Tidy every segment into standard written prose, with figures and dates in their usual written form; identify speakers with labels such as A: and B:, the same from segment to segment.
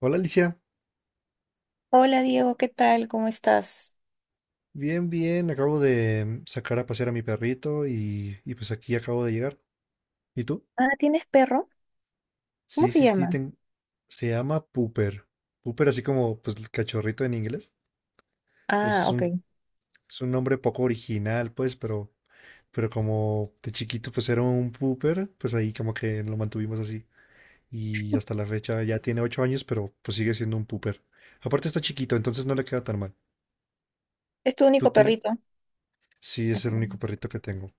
A: Hola Alicia,
B: Hola Diego, ¿qué tal? ¿Cómo estás?
A: bien, bien, acabo de sacar a pasear a mi perrito y pues aquí acabo de llegar. ¿Y tú?
B: Ah, ¿tienes perro? ¿Cómo
A: Sí,
B: se
A: sí, sí,
B: llama?
A: se llama Pooper. Pooper así como pues el cachorrito en inglés.
B: Ah,
A: Es
B: ok.
A: un, es un nombre poco original pues, pero como de chiquito pues era un Pooper, pues ahí como que lo mantuvimos así. Y hasta la fecha ya tiene 8 años, pero pues sigue siendo un Pooper. Aparte está chiquito, entonces no le queda tan mal.
B: ¿Es tu
A: Tú
B: único
A: tienes.
B: perrito?
A: Sí, es el único perrito que tengo.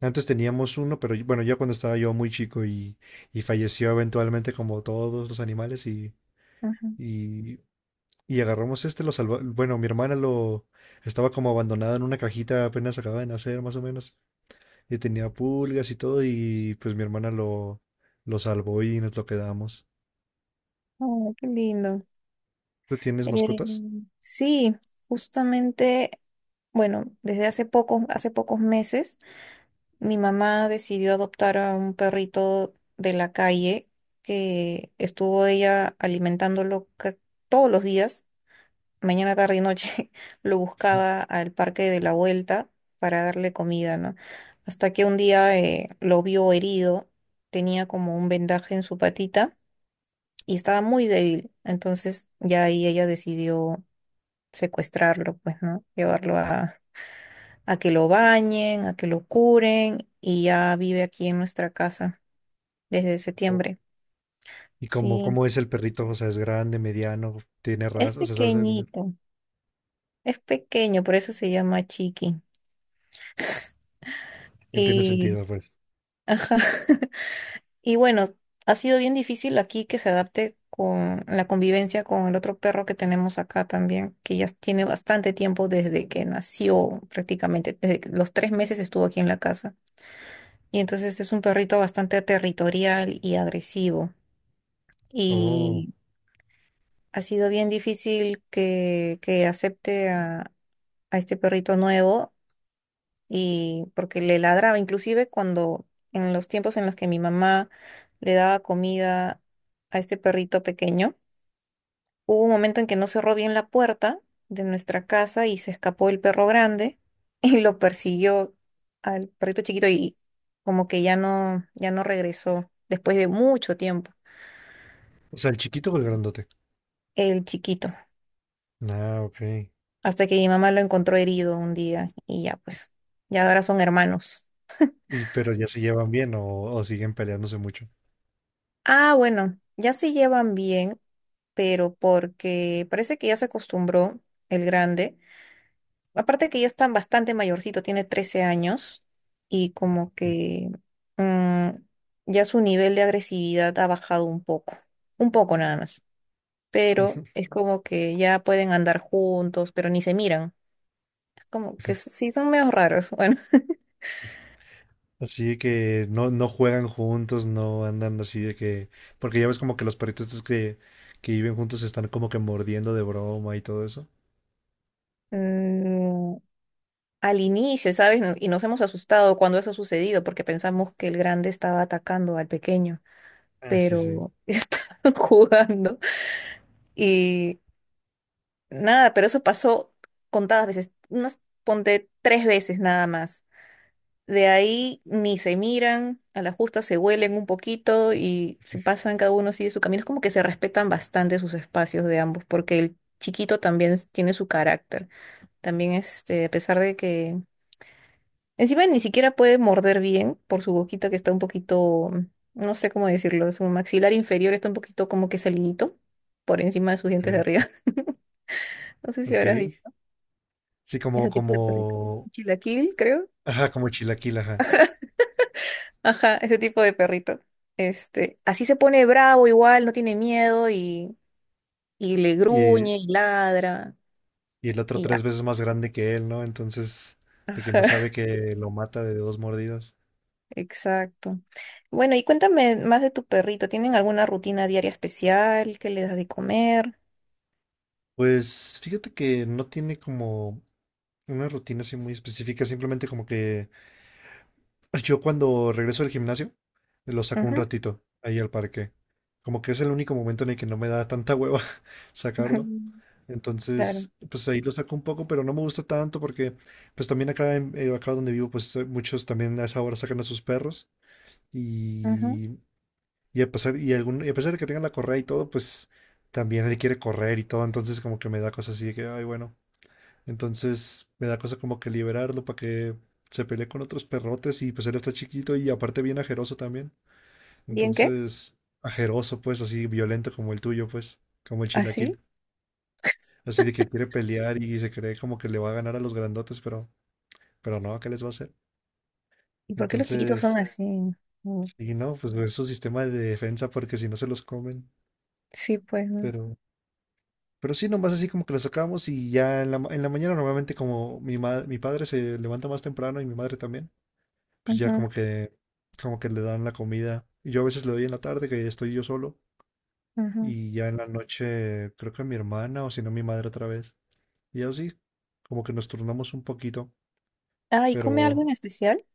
A: Antes teníamos uno, pero bueno, ya cuando estaba yo muy chico y falleció eventualmente como todos los animales
B: Ajá.
A: y, y agarramos este, lo salvó. Bueno, mi hermana lo estaba como abandonada en una cajita apenas acababa de nacer más o menos y tenía pulgas y todo y pues mi hermana lo salvó y nos lo quedamos.
B: Oh, qué lindo.
A: ¿Tú tienes
B: Eh,
A: mascotas?
B: sí, justamente, bueno, hace pocos meses, mi mamá decidió adoptar a un perrito de la calle que estuvo ella alimentándolo todos los días mañana, tarde y noche lo buscaba al parque de la vuelta para darle comida, ¿no? Hasta que un día lo vio herido, tenía como un vendaje en su patita y estaba muy débil. Entonces ya ahí ella decidió secuestrarlo, pues, ¿no? A que lo bañen, a que lo curen y ya vive aquí en nuestra casa desde
A: Oh.
B: septiembre.
A: ¿Y
B: Sí,
A: cómo es el perrito? O sea, es grande, mediano, tiene
B: es
A: raza, o sea, ¿sabes alguna?
B: pequeñito, es pequeño, por eso se llama Chiqui.
A: Que tiene
B: Y,
A: sentido, pues.
B: ajá. Y bueno, ha sido bien difícil aquí que se adapte con la convivencia con el otro perro que tenemos acá también, que ya tiene bastante tiempo desde que nació prácticamente, desde que los 3 meses estuvo aquí en la casa. Y entonces es un perrito bastante territorial y agresivo.
A: Oh,
B: Y ha sido bien difícil que acepte a este perrito nuevo y porque le ladraba, inclusive cuando en los tiempos en los que mi mamá le daba comida a este perrito pequeño, hubo un momento en que no cerró bien la puerta de nuestra casa y se escapó el perro grande y lo persiguió al perrito chiquito y como que ya no regresó después de mucho tiempo,
A: o sea, el chiquito o el grandote.
B: el chiquito,
A: Ah, ok.
B: hasta que mi mamá lo encontró herido un día y ya pues, ya ahora son hermanos.
A: Y, pero ya se llevan bien o siguen peleándose mucho.
B: Ah, bueno, ya se llevan bien pero porque parece que ya se acostumbró el grande. Aparte que ya está bastante mayorcito, tiene 13 años y
A: Ah,
B: como
A: ok.
B: que mm, ya su nivel de agresividad ha bajado un poco nada más. Pero es como que ya pueden andar juntos, pero ni se miran. Es como que sí, son medio raros. Bueno,
A: Así que no, no juegan juntos, no andan así de que. Porque ya ves como que los perritos estos que viven juntos están como que mordiendo de broma y todo eso.
B: mm, al inicio, ¿sabes? Y nos hemos asustado cuando eso ha sucedido porque pensamos que el grande estaba atacando al pequeño.
A: Ah, sí, sí.
B: Pero estaban jugando. Y nada, pero eso pasó contadas veces, unas ponte 3 veces nada más. De ahí ni se miran, a la justa se huelen un poquito y se pasan cada uno sigue su camino. Es como que se respetan bastante sus espacios de ambos, porque el chiquito también tiene su carácter. También este, a pesar de que encima ni siquiera puede morder bien por su boquita que está un poquito, no sé cómo decirlo, su maxilar inferior está un poquito como que salinito por encima de sus
A: Ok,
B: dientes de arriba. No sé si
A: ok.
B: habrás visto
A: Sí, como,
B: ese tipo de perrito.
A: como.
B: Chilaquil, creo.
A: Ajá, como chilaquil, ajá.
B: Ajá, ese tipo de perrito. Este, así se pone bravo igual, no tiene miedo y le
A: Y,
B: gruñe y ladra
A: y el otro
B: y
A: tres
B: ya.
A: veces más grande que él, ¿no? Entonces, de que
B: Ajá,
A: no sabe que lo mata de dos mordidas.
B: exacto. Bueno, y cuéntame más de tu perrito. ¿Tienen alguna rutina diaria especial? ¿Qué le das de comer?
A: Pues fíjate que no tiene como. Una rutina así muy específica, simplemente como que yo cuando regreso del gimnasio, lo saco un ratito ahí al parque. Como que es el único momento en el que no me da tanta hueva sacarlo.
B: Claro.
A: Entonces, pues ahí lo saco un poco, pero no me gusta tanto porque, pues también acá, acá donde vivo, pues muchos también a esa hora sacan a sus perros
B: Ajá.
A: y, y a pesar, y, algún, y a pesar de que tengan la correa y todo, pues también él quiere correr y todo, entonces como que me da cosas así de que, ay, bueno, entonces me da cosa como que liberarlo para que se pelee con otros perrotes y pues él está chiquito y aparte bien ajeroso también.
B: ¿Bien qué?
A: Entonces, ajeroso pues, así violento como el tuyo pues, como el chilaquil.
B: ¿Así?
A: Así de que quiere pelear y se cree como que le va a ganar a los grandotes, pero no, ¿qué les va a hacer?
B: ¿Y por qué los chiquitos son
A: Entonces,
B: así? Mm,
A: y no, pues es su sistema de defensa porque si no se los comen.
B: sí, pues. ¿No?
A: Pero, pero sí, nomás así como que los sacamos y ya en la, en la mañana normalmente como mi padre se levanta más temprano y mi madre también. Pues ya como
B: Ajá,
A: que, como que le dan la comida. Yo a veces le doy en la tarde, que estoy yo solo,
B: ajá.
A: y ya en la noche creo que mi hermana o si no mi madre otra vez. Y así, como que nos turnamos un poquito,
B: Ah, ¿y come algo
A: pero
B: en especial?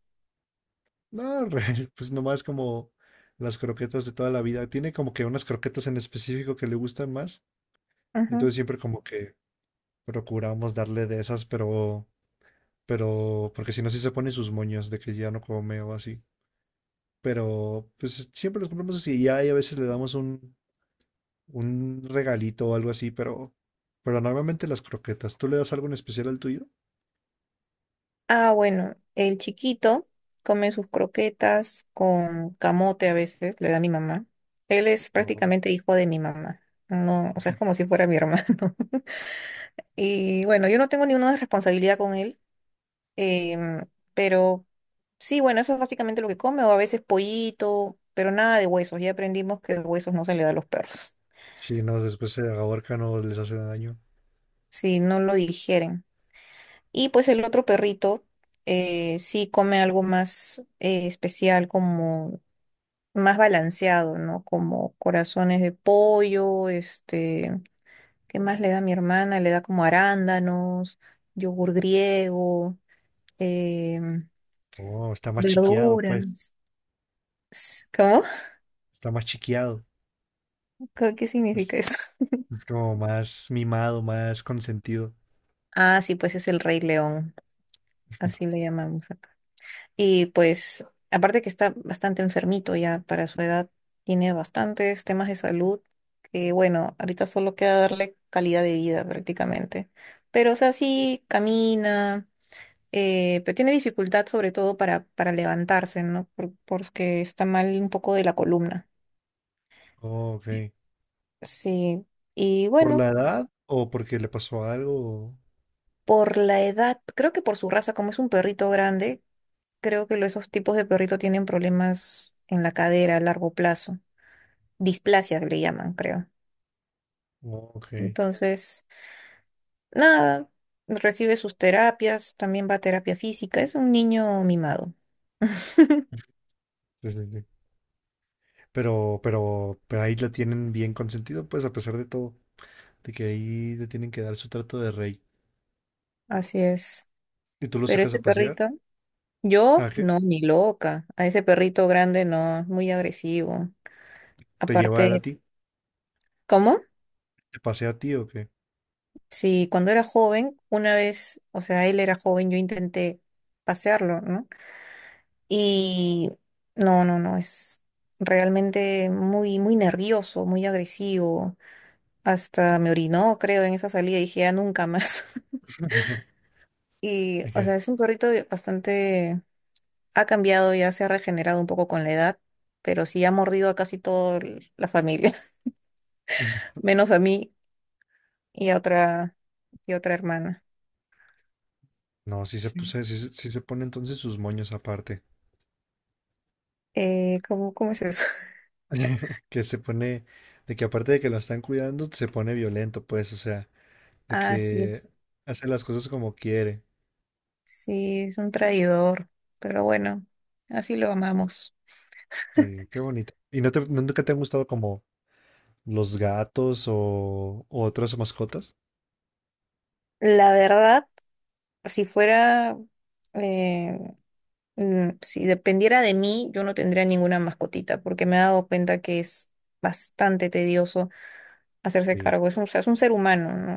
A: no, pues nomás como las croquetas de toda la vida. Tiene como que unas croquetas en específico que le gustan más,
B: Ajá.
A: entonces siempre como que procuramos darle de esas, pero, porque si no, sí se pone sus moños de que ya no come o así. Pero pues siempre los ponemos así y ya y a veces le damos un regalito o algo así, pero normalmente las croquetas. ¿Tú le das algo en especial al tuyo?
B: Ah, bueno, el chiquito come sus croquetas con camote a veces, le da mi mamá. Él es
A: No.
B: prácticamente hijo de mi mamá. No, o sea, es como si fuera mi hermano. Y bueno, yo no tengo ninguna responsabilidad con él. Em, pero sí, bueno, eso es básicamente lo que come, o a veces pollito, pero nada de huesos. Ya aprendimos que huesos no se le da a los perros,
A: Sí, no, después se ahorcan o les hace daño.
B: si no lo digieren. Y pues el otro perrito sí come algo más especial, como más balanceado, ¿no? Como corazones de pollo, este, ¿qué más le da a mi hermana? Le da como arándanos, yogur griego, em,
A: Oh, está más chiqueado, pues.
B: verduras. ¿Cómo?
A: Está más chiqueado.
B: Qué significa
A: Es,
B: eso?
A: es como más mimado, más consentido.
B: Ah, sí, pues es el Rey León, así le llamamos acá. Y pues, aparte que está bastante enfermito ya para su edad, tiene bastantes temas de salud, que bueno, ahorita solo queda darle calidad de vida prácticamente. Pero, o sea, sí camina, pero tiene dificultad sobre todo para levantarse, ¿no? Porque está mal un poco de la columna.
A: Oh, ok.
B: Sí, y
A: ¿Por
B: bueno,
A: la edad o porque le pasó algo?
B: por la edad, creo que por su raza, como es un perrito grande, creo que esos tipos de perrito tienen problemas en la cadera a largo plazo. Displasias le llaman, creo.
A: Oh, ok. Sí,
B: Entonces, nada, recibe sus terapias, también va a terapia física. Es un niño mimado.
A: sí, sí. Pero ahí lo tienen bien consentido, pues, a pesar de todo. De que ahí le tienen que dar su trato de rey.
B: Así es.
A: ¿Y tú lo
B: Pero
A: sacas a
B: este
A: pasear?
B: perrito, yo
A: ¿A qué?
B: no, ni loca. A ese perrito grande no, es muy agresivo.
A: ¿Te lleva él a
B: Aparte,
A: ti?
B: ¿cómo?
A: ¿Te pasea a ti o qué?
B: Sí, cuando era joven, una vez, o sea, él era joven, yo intenté pasearlo, ¿no? Y no, no, no, es realmente muy nervioso, muy agresivo. Hasta me orinó, creo, en esa salida y dije, ya nunca más. Y, o
A: Dije,
B: sea, es un perrito bastante, ha cambiado, ya se ha regenerado un poco con la edad, pero sí ha mordido a casi toda la familia, menos a mí y a otra, y a otra hermana.
A: no, sí se
B: Sí.
A: puse, sí se pone entonces sus moños aparte.
B: ¿Cómo, cómo es eso?
A: Que se pone, de que aparte de que lo están cuidando, se pone violento, pues, o sea, de
B: Ah, sí
A: que
B: es.
A: hace las cosas como quiere.
B: Sí, es un traidor, pero bueno, así lo amamos.
A: Sí, qué bonito. ¿Y no te, no- nunca te han gustado como los gatos o otras mascotas?
B: La verdad. si fuera, eh, si dependiera de mí, yo no tendría ninguna mascotita, porque me he dado cuenta que es bastante tedioso hacerse
A: Sí.
B: cargo. Es un, o sea, es un ser humano, ¿no?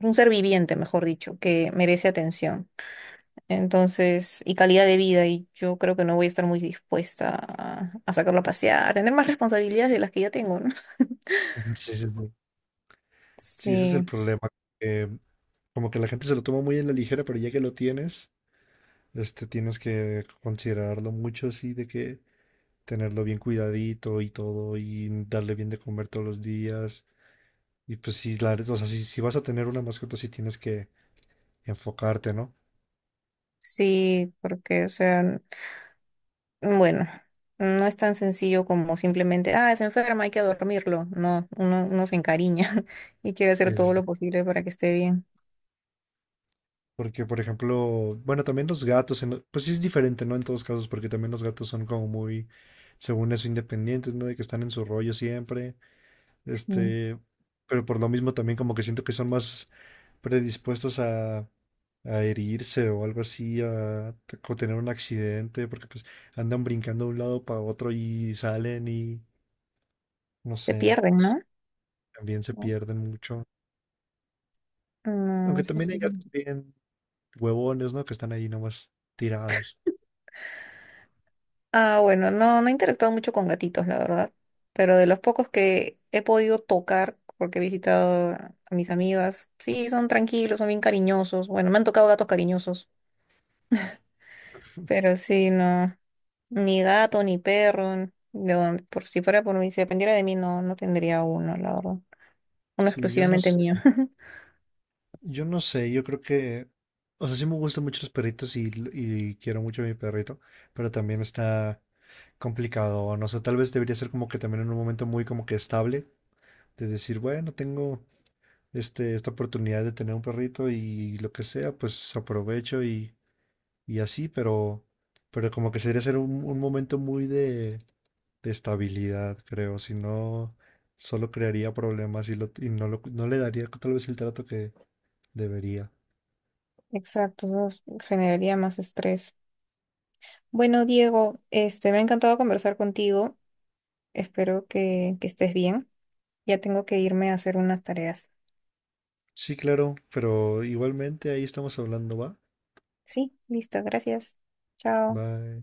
B: Es un ser viviente, mejor dicho, que merece atención. Entonces, y calidad de vida, y yo creo que no voy a estar muy dispuesta a sacarlo a pasear, a tener más responsabilidades de las que ya tengo, ¿no?
A: Sí, sí, sí. Sí, ese es el
B: Sí,
A: problema, que como que la gente se lo toma muy en la ligera, pero ya que lo tienes. Este, tienes que considerarlo mucho, así de que tenerlo bien cuidadito y todo, y darle bien de comer todos los días. Y pues si la, o sea, si vas a tener una mascota, sí tienes que enfocarte, ¿no?
B: sí, porque, o sea, bueno, no es tan sencillo como simplemente, ah, es enferma, hay que dormirlo. No, uno se encariña y quiere hacer
A: Sí, sí,
B: todo
A: sí.
B: lo posible para que esté bien.
A: Porque, por ejemplo, bueno, también los gatos, pues sí es diferente, ¿no? En todos casos, porque también los gatos son como muy, según eso, independientes, ¿no? De que están en su rollo siempre.
B: Mm.
A: Este, pero por lo mismo también como que siento que son más predispuestos a herirse o algo así, a tener un accidente, porque pues andan brincando de un lado para otro y salen y no
B: Se
A: sé,
B: pierden, ¿no?
A: también se
B: No,
A: pierden mucho.
B: no,
A: Aunque
B: eso
A: también
B: sí.
A: hay gatos bien huevones, ¿no? Que están ahí nomás tirados.
B: Ah, bueno, no, no he interactuado mucho con gatitos, la verdad. Pero de los pocos que he podido tocar, porque he visitado a mis amigas, sí, son tranquilos, son bien cariñosos. Bueno, me han tocado gatos cariñosos. Pero sí, no, ni gato, ni perro. Yo, por si fuera por mí, si dependiera de mí, no, no tendría uno, la verdad. Uno
A: Sí, yo no
B: exclusivamente
A: sé.
B: mío.
A: Yo no sé, yo creo que, o sea, sí me gustan mucho los perritos y quiero mucho a mi perrito, pero también está complicado, no sé, tal vez debería ser como que también en un momento muy como que estable, de decir, bueno, tengo este, esta oportunidad de tener un perrito y lo que sea, pues aprovecho y así, pero como que sería ser un momento muy de estabilidad, creo, si no, solo crearía problemas no le daría tal vez el trato que debería.
B: Exacto, no, generaría más estrés. Bueno, Diego, este, me ha encantado conversar contigo. Espero que estés bien. Ya tengo que irme a hacer unas tareas.
A: Sí, claro, pero igualmente ahí estamos hablando, ¿va?
B: Sí, listo, gracias. Chao.
A: Va,